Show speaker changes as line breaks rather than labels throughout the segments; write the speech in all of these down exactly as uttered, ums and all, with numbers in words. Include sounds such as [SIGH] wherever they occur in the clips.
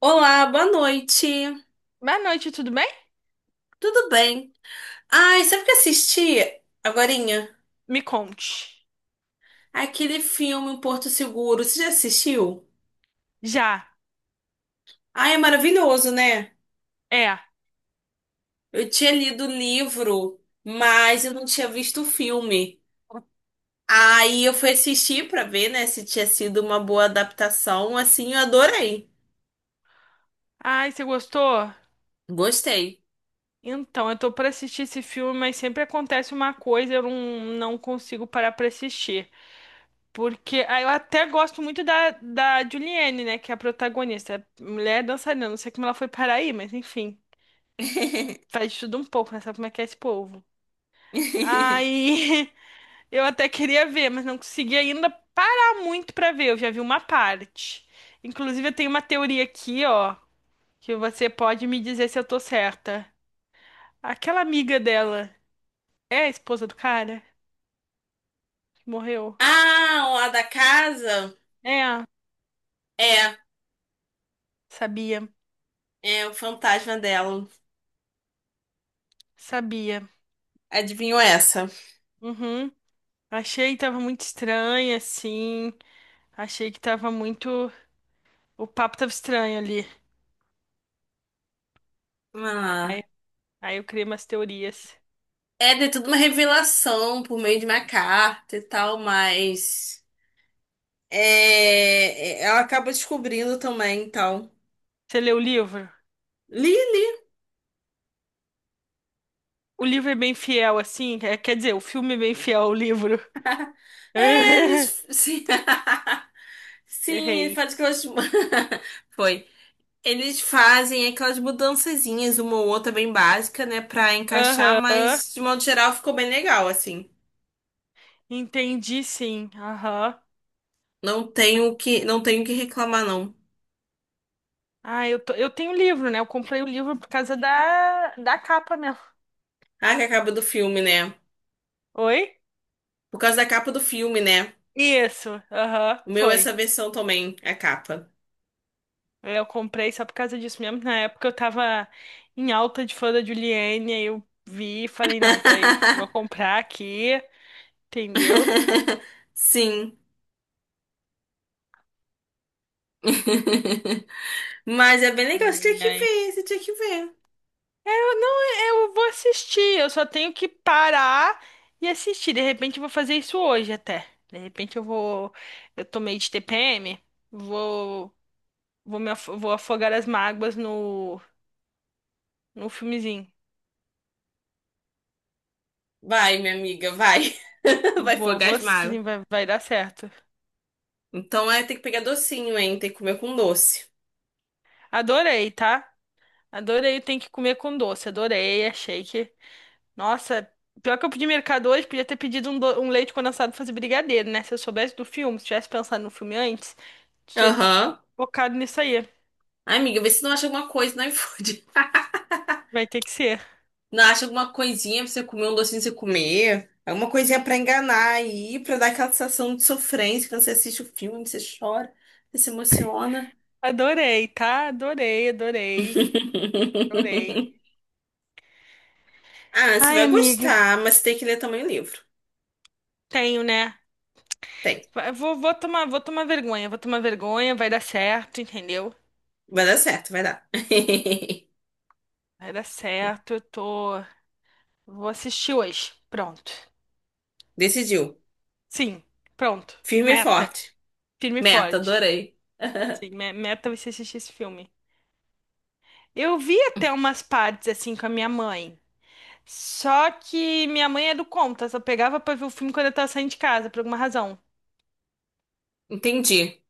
Olá, boa noite.
Boa noite, tudo bem?
Tudo bem? Ai, sabe o que eu assisti agorinha?
Me conte.
Aquele filme O Porto Seguro. Você já assistiu?
Já.
Ai, é maravilhoso, né?
É.
Eu tinha lido o livro, mas eu não tinha visto o filme. Aí eu fui assistir pra ver, né, se tinha sido uma boa adaptação. Assim, eu adorei.
Ai, você gostou?
Gostei.
Então, eu tô pra assistir esse filme, mas sempre acontece uma coisa, eu não, não consigo parar pra assistir. Porque ah, eu até gosto muito da, da Julianne, né? Que é a protagonista. Mulher dançarina, não sei como ela foi parar aí, mas enfim. Faz de tudo um pouco, né? Sabe como é que é esse povo. Aí, [LAUGHS] eu até queria ver, mas não consegui ainda parar muito pra ver. Eu já vi uma parte. Inclusive, eu tenho uma teoria aqui, ó. Que você pode me dizer se eu tô certa. Aquela amiga dela é a esposa do cara que morreu?
Ah, o lá da casa?
É,
É,
sabia,
é o fantasma dela.
sabia.
Adivinhou essa?
Uhum. Achei que tava muito estranha, assim. Achei que tava muito. O papo tava estranho ali. Aí,
Ah.
aí eu criei umas teorias.
É, de tudo uma revelação por meio de uma carta e tal, mas é, é, ela acaba descobrindo também, tal.
Você leu o livro?
Lily,
O livro é bem fiel, assim. É, quer dizer, o filme é bem fiel ao livro.
é, eles
[LAUGHS]
sim, [LAUGHS] sim, ele
Errei.
faz aquelas [LAUGHS] foi. Eles fazem aquelas mudançazinhas, uma ou outra bem básica, né, pra encaixar,
Aham.
mas de modo geral ficou bem legal, assim.
Entendi, sim. Aham.
Não tenho o que, não tenho o que reclamar não.
Ah, eu, tô- eu tenho livro, né? Eu comprei o livro por causa da, da capa mesmo.
Ah, que é a capa do filme, né?
Oi?
Por causa da capa do filme, né?
Isso, aham,
O meu é essa
foi.
versão também, a capa.
Eu comprei só por causa disso mesmo. Na época eu tava em alta de fã da Juliane, aí eu vi e falei, não, peraí, vou
[LAUGHS]
comprar aqui, entendeu?
Sim. [LAUGHS] Mas é bem legal, você tinha
Aí,
que
aí.
ver, você tinha que ver.
É, eu não, eu vou assistir, eu só tenho que parar e assistir. De repente eu vou fazer isso hoje até. De repente eu vou, eu tô meio de T P M, vou Vou, me afo- vou afogar as mágoas no, no filmezinho.
Vai, minha amiga, vai. [LAUGHS] Vai
Vou, vou
fogasmar.
sim, vai, vai dar certo.
Então é ter que pegar docinho, hein? Tem que comer com doce.
Adorei, tá? Adorei, tem que comer com doce. Adorei, achei que. Nossa, pior que eu pedi mercado hoje, podia ter pedido um, do- um leite condensado pra fazer brigadeiro, né? Se eu soubesse do filme, se tivesse pensado no filme antes, tinha
Aham.
focado nisso aí.
Ai, amiga, vê se não acha alguma coisa no iFood. [LAUGHS]
Vai ter que ser.
Não acha alguma coisinha pra você comer, um docinho pra você comer. Alguma coisinha pra enganar aí, pra dar aquela sensação de sofrência quando você assiste o filme, você chora, você se emociona.
Adorei, tá? Adorei, adorei, adorei.
[LAUGHS] Ah, você
Ai,
vai
amiga,
gostar, mas você tem que ler também o livro.
tenho, né?
Tem.
Vai- Vou, vou tomar, vou tomar vergonha, vou tomar vergonha, vai dar certo, entendeu?
Vai dar certo, vai dar. [LAUGHS]
Vai dar certo, eu tô. Vou assistir hoje. Pronto.
Decidiu.
Sim, pronto.
Firme e
Meta.
forte.
Firme e
Meta,
forte.
adorei. [LAUGHS]
Sim, me- meta vai ser assistir esse filme. Eu vi até umas partes assim com a minha mãe. Só que minha mãe é do contra, só pegava pra ver o filme quando eu tava saindo de casa, por alguma razão.
Entendi.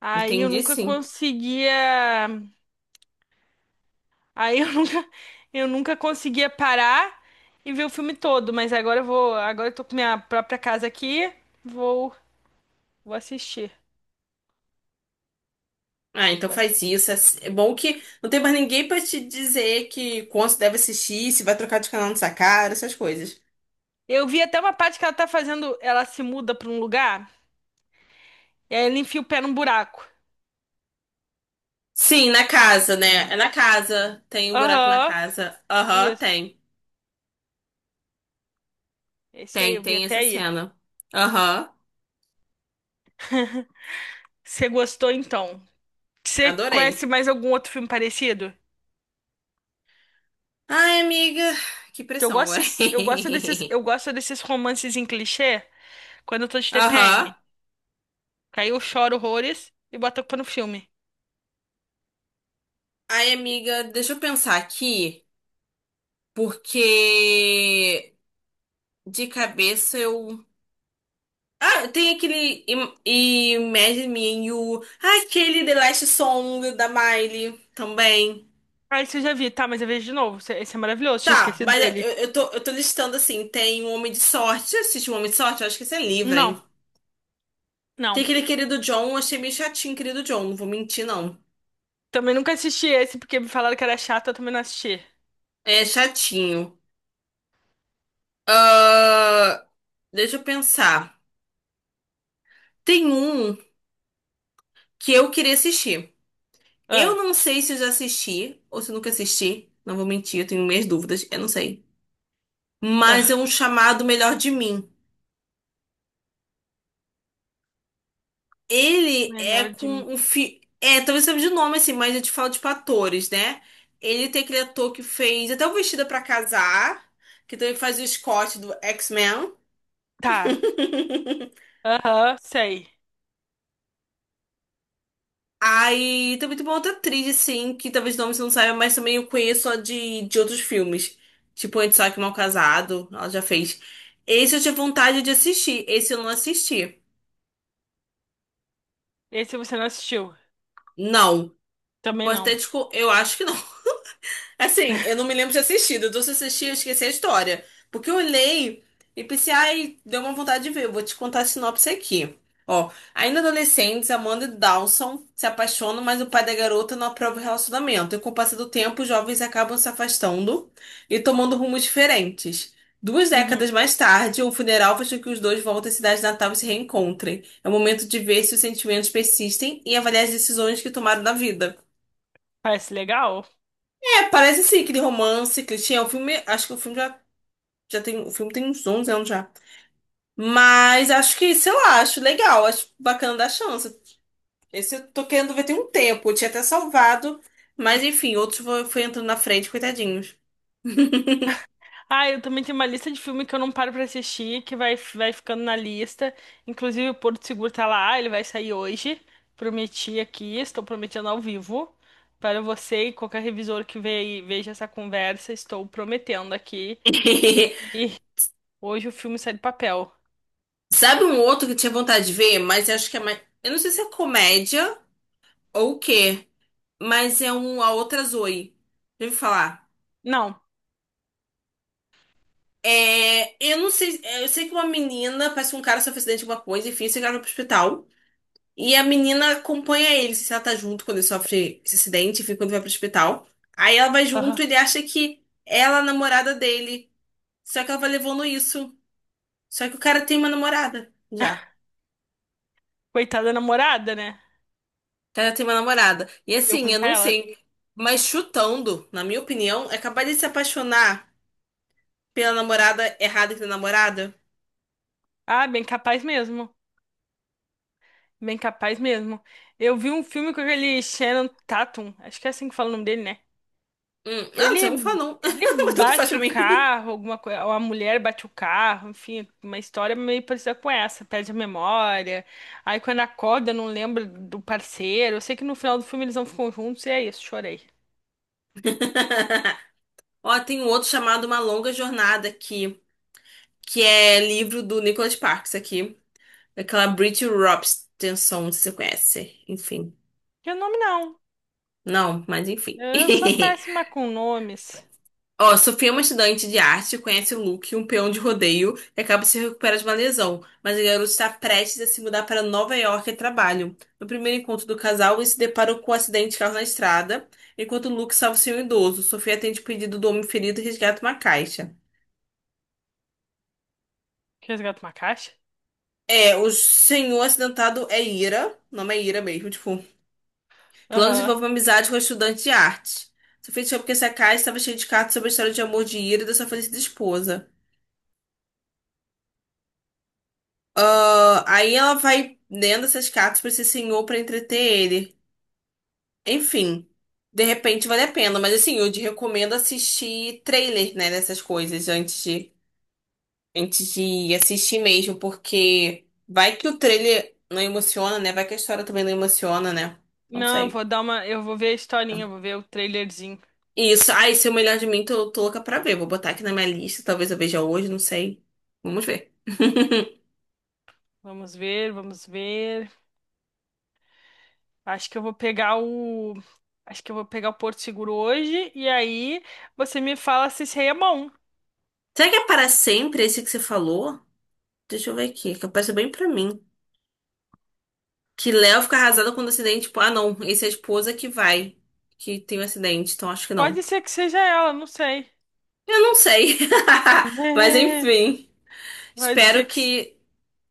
Aí eu
Entendi,
nunca
sim.
conseguia. Aí eu [LAUGHS] nunca, eu nunca conseguia parar e ver o filme todo. Mas agora eu vou. Agora eu tô com minha própria casa aqui. Vou, vou assistir.
Ah, então
Vou.
faz isso. É é bom que não tem mais ninguém pra te dizer que quanto deve assistir, se vai trocar de canal nessa cara, essas coisas.
Eu vi até uma parte que ela tá fazendo. Ela se muda pra um lugar e aí ela enfia o pé num buraco.
Sim, na casa, né? É na casa. Tem um buraco na
Aham,
casa. Aham,
isso.
tem.
Esse aí,
Tem,
eu vi
tem
até
essa
aí.
cena. Aham,
Você gostou então? Você conhece
adorei.
mais algum outro filme parecido?
Ai, amiga, que
Que eu
pressão
gosto,
agora.
desses- eu gosto
[LAUGHS]
desses, eu gosto desses romances em clichê quando eu tô de
Aham.
T P M. Que Aí eu choro horrores e boto a culpa no filme.
Ai, amiga, deixa eu pensar aqui, porque de cabeça eu. Ah, tem aquele Im- Imagine Me and You. Ah, aquele The Last Song da Miley também.
Ah, esse eu já vi, tá, mas eu vejo de novo. Esse esse é maravilhoso, tinha
Tá,
esquecido
mas
dele.
eu, eu tô, eu tô listando assim: tem um Homem de Sorte. Você assistiu um Homem de Sorte? Eu acho que esse é livro,
Não,
hein? Tem
não.
aquele Querido John, eu achei meio chatinho, Querido John, não vou mentir, não.
Também nunca assisti esse porque me falaram que era chato, eu também não assisti.
É chatinho. Deixa eu pensar. Tem um que eu queria assistir. Eu
Ah,
não sei se eu já assisti ou se eu nunca assisti. Não vou mentir, eu tenho minhas dúvidas. Eu não sei. Mas é um
ah.
chamado Melhor de Mim. Ele é
Melhor
com
de mim.
um fi... É, talvez seja de nome assim, mas eu te falo, tipo, atores, né? Ele tem aquele ator que fez até o Vestida pra Casar, que também faz o Scott do X-Men.
Tá.
[LAUGHS]
Aham, sei.
Aí também tem uma outra atriz, assim, que talvez o você não saiba, mas também eu conheço só de, de outros filmes. Tipo, Antissaque Mal Casado, ela já fez. Esse eu tinha vontade de assistir, esse eu não assisti.
Esse você não assistiu.
Não.
Também
Posso até,
não.
discu- eu acho que não. Assim, eu não me lembro de assistido. Então, se eu assisti, eu esqueci a história. Porque eu olhei e pensei, ai, deu uma vontade de ver. Eu vou te contar a sinopse aqui. Ó, ainda adolescentes, Amanda e Dawson se apaixonam, mas o pai da garota não aprova o relacionamento. E com o passar do tempo, os jovens acabam se afastando e tomando rumos diferentes. Duas
Uhum.
décadas mais tarde, um funeral faz com que os dois voltem à cidade natal e se reencontrem. É o momento de ver se os sentimentos persistem e avaliar as decisões que tomaram na vida.
Parece legal.
É, parece sim, aquele romance, que tinha O filme, acho que o filme já, já tem, o filme tem uns onze anos já. Mas acho que, sei lá, acho legal, acho bacana dar chance. Esse eu tô querendo ver tem um tempo, eu tinha até salvado, mas enfim, outros foi, foi entrando na frente, coitadinhos.
Ah, eu também tenho uma lista de filme que eu não paro pra assistir, que vai, vai ficando na lista. Inclusive, o Porto Seguro tá lá, ele vai sair hoje. Prometi aqui, estou prometendo ao vivo. Para você e qualquer revisor que ve- veja essa conversa, estou prometendo aqui.
[LAUGHS]
E hoje o filme sai do papel.
Sabe um outro que eu tinha vontade de ver, mas acho que é mais. Eu não sei se é comédia ou o quê, mas é um A Outra Zoe. Já ouviu falar?
Não.
É, eu não sei, é, eu sei que uma menina, parece que um cara sofreu acidente de alguma coisa, enfim, esse cara foi pro hospital. E a menina acompanha ele, se ela tá junto quando ele sofre esse acidente, enfim, quando vai pro hospital. Aí ela vai
Aham.
junto, ele acha que ela é a namorada dele. Só que ela vai levando isso. Só que o cara tem uma namorada já.
Coitada da namorada, né?
O cara tem uma namorada. E
Eu
assim,
com
eu não
ela.
sei, mas chutando, na minha opinião, é capaz de se apaixonar pela namorada errada que tem namorada.
Ah, bem capaz mesmo. Bem capaz mesmo. Eu vi um filme com aquele Shannon Tatum, acho que é assim que fala o nome dele, né?
Hum, ah, não sei como falar,
Ele,
não.
ele
[LAUGHS] Mas tanto faz
bate
pra
o
mim.
carro, alguma coisa, ou a mulher bate o carro, enfim, uma história meio parecida com essa, perde a memória. Aí quando acorda, não lembra do parceiro. Eu sei que no final do filme eles não ficam juntos e é isso, chorei.
[LAUGHS] Ó, tem um outro chamado Uma Longa Jornada aqui, que é livro do Nicholas Sparks aqui. Daquela Brit Rops, Tenson, se você conhece. Enfim.
E o nome não.
Não, mas enfim. [LAUGHS]
Eu sou péssima com nomes.
Ó, Sofia é uma estudante de arte, conhece o Luke, um peão de rodeio, e acaba se recuperando de uma lesão. Mas o garoto está prestes a se mudar para Nova York a trabalho. No primeiro encontro do casal, eles se deparam com um acidente de carro na estrada, enquanto Luke salva o senhor idoso. Sofia atende o pedido do homem ferido e resgata uma caixa.
Resgata uma caixa?
É, o senhor acidentado é Ira. O nome é Ira mesmo, tipo, Clã
Aham.
desenvolve uma amizade com a estudante de arte. Sofia descobre que essa casa estava cheia de cartas sobre a história de amor de Ira e da sua falecida esposa. Ah, aí ela vai lendo essas cartas para esse senhor para entreter ele. Enfim, de repente vale a pena, mas assim, eu te recomendo assistir trailer, né, dessas coisas antes de, antes de assistir mesmo, porque vai que o trailer não emociona, né? Vai que a história também não emociona, né? Não
Não, eu
sei.
vou dar uma. Eu vou ver a historinha, eu vou ver o trailerzinho.
Isso. Ai, se eu melhor de mim, tô, tô louca pra ver. Vou botar aqui na minha lista. Talvez eu veja hoje, não sei. Vamos ver.
Vamos ver, vamos ver. Acho que eu vou pegar o. Acho que eu vou pegar o Porto Seguro hoje e aí você me fala se isso aí é bom.
Será que é para sempre esse que você falou? Deixa eu ver aqui, que apareceu bem pra mim. Que Léo fica arrasado quando o acidente. Tipo, ah, não. Esse é a esposa que vai. Que tem um acidente. Então acho que
Pode
não.
ser que seja ela, não sei.
Eu não sei.
[LAUGHS]
[LAUGHS] Mas
É,
enfim.
pode ser
Espero
que
que.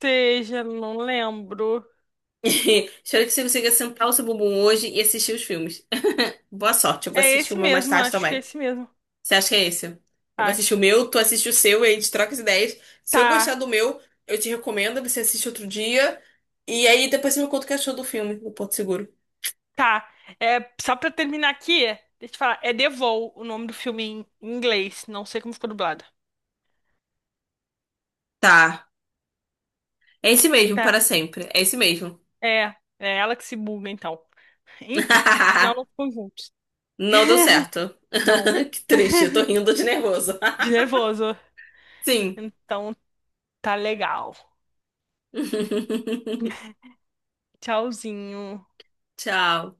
seja, não lembro.
[LAUGHS] Espero que você consiga sentar o seu bumbum hoje e assistir os filmes. [LAUGHS] Boa sorte. Eu vou
É
assistir o
esse
meu mais
mesmo,
tarde
acho que é
também.
esse mesmo.
Você acha que é esse? Eu vou assistir o
Acho.
meu, tu assiste o seu e a gente troca as ideias. Se eu
Tá,
gostar do meu, eu te recomendo, você assiste outro dia. E aí depois você me conta o que achou do filme, do Porto Seguro.
tá. É, só pra terminar aqui, deixa eu te falar. É The Vow, o nome do filme em em inglês. Não sei como ficou dublado.
Tá. É esse mesmo,
Tá.
para sempre. É esse mesmo.
É, é ela que se buga, então. Enfim, no final não
[LAUGHS]
ficou juntos.
Não deu certo.
Não,
[LAUGHS] Que triste, eu tô rindo de nervoso.
de nervoso.
[LAUGHS] Sim.
Então. Tá legal.
[LAUGHS]
Tchauzinho.
Tchau.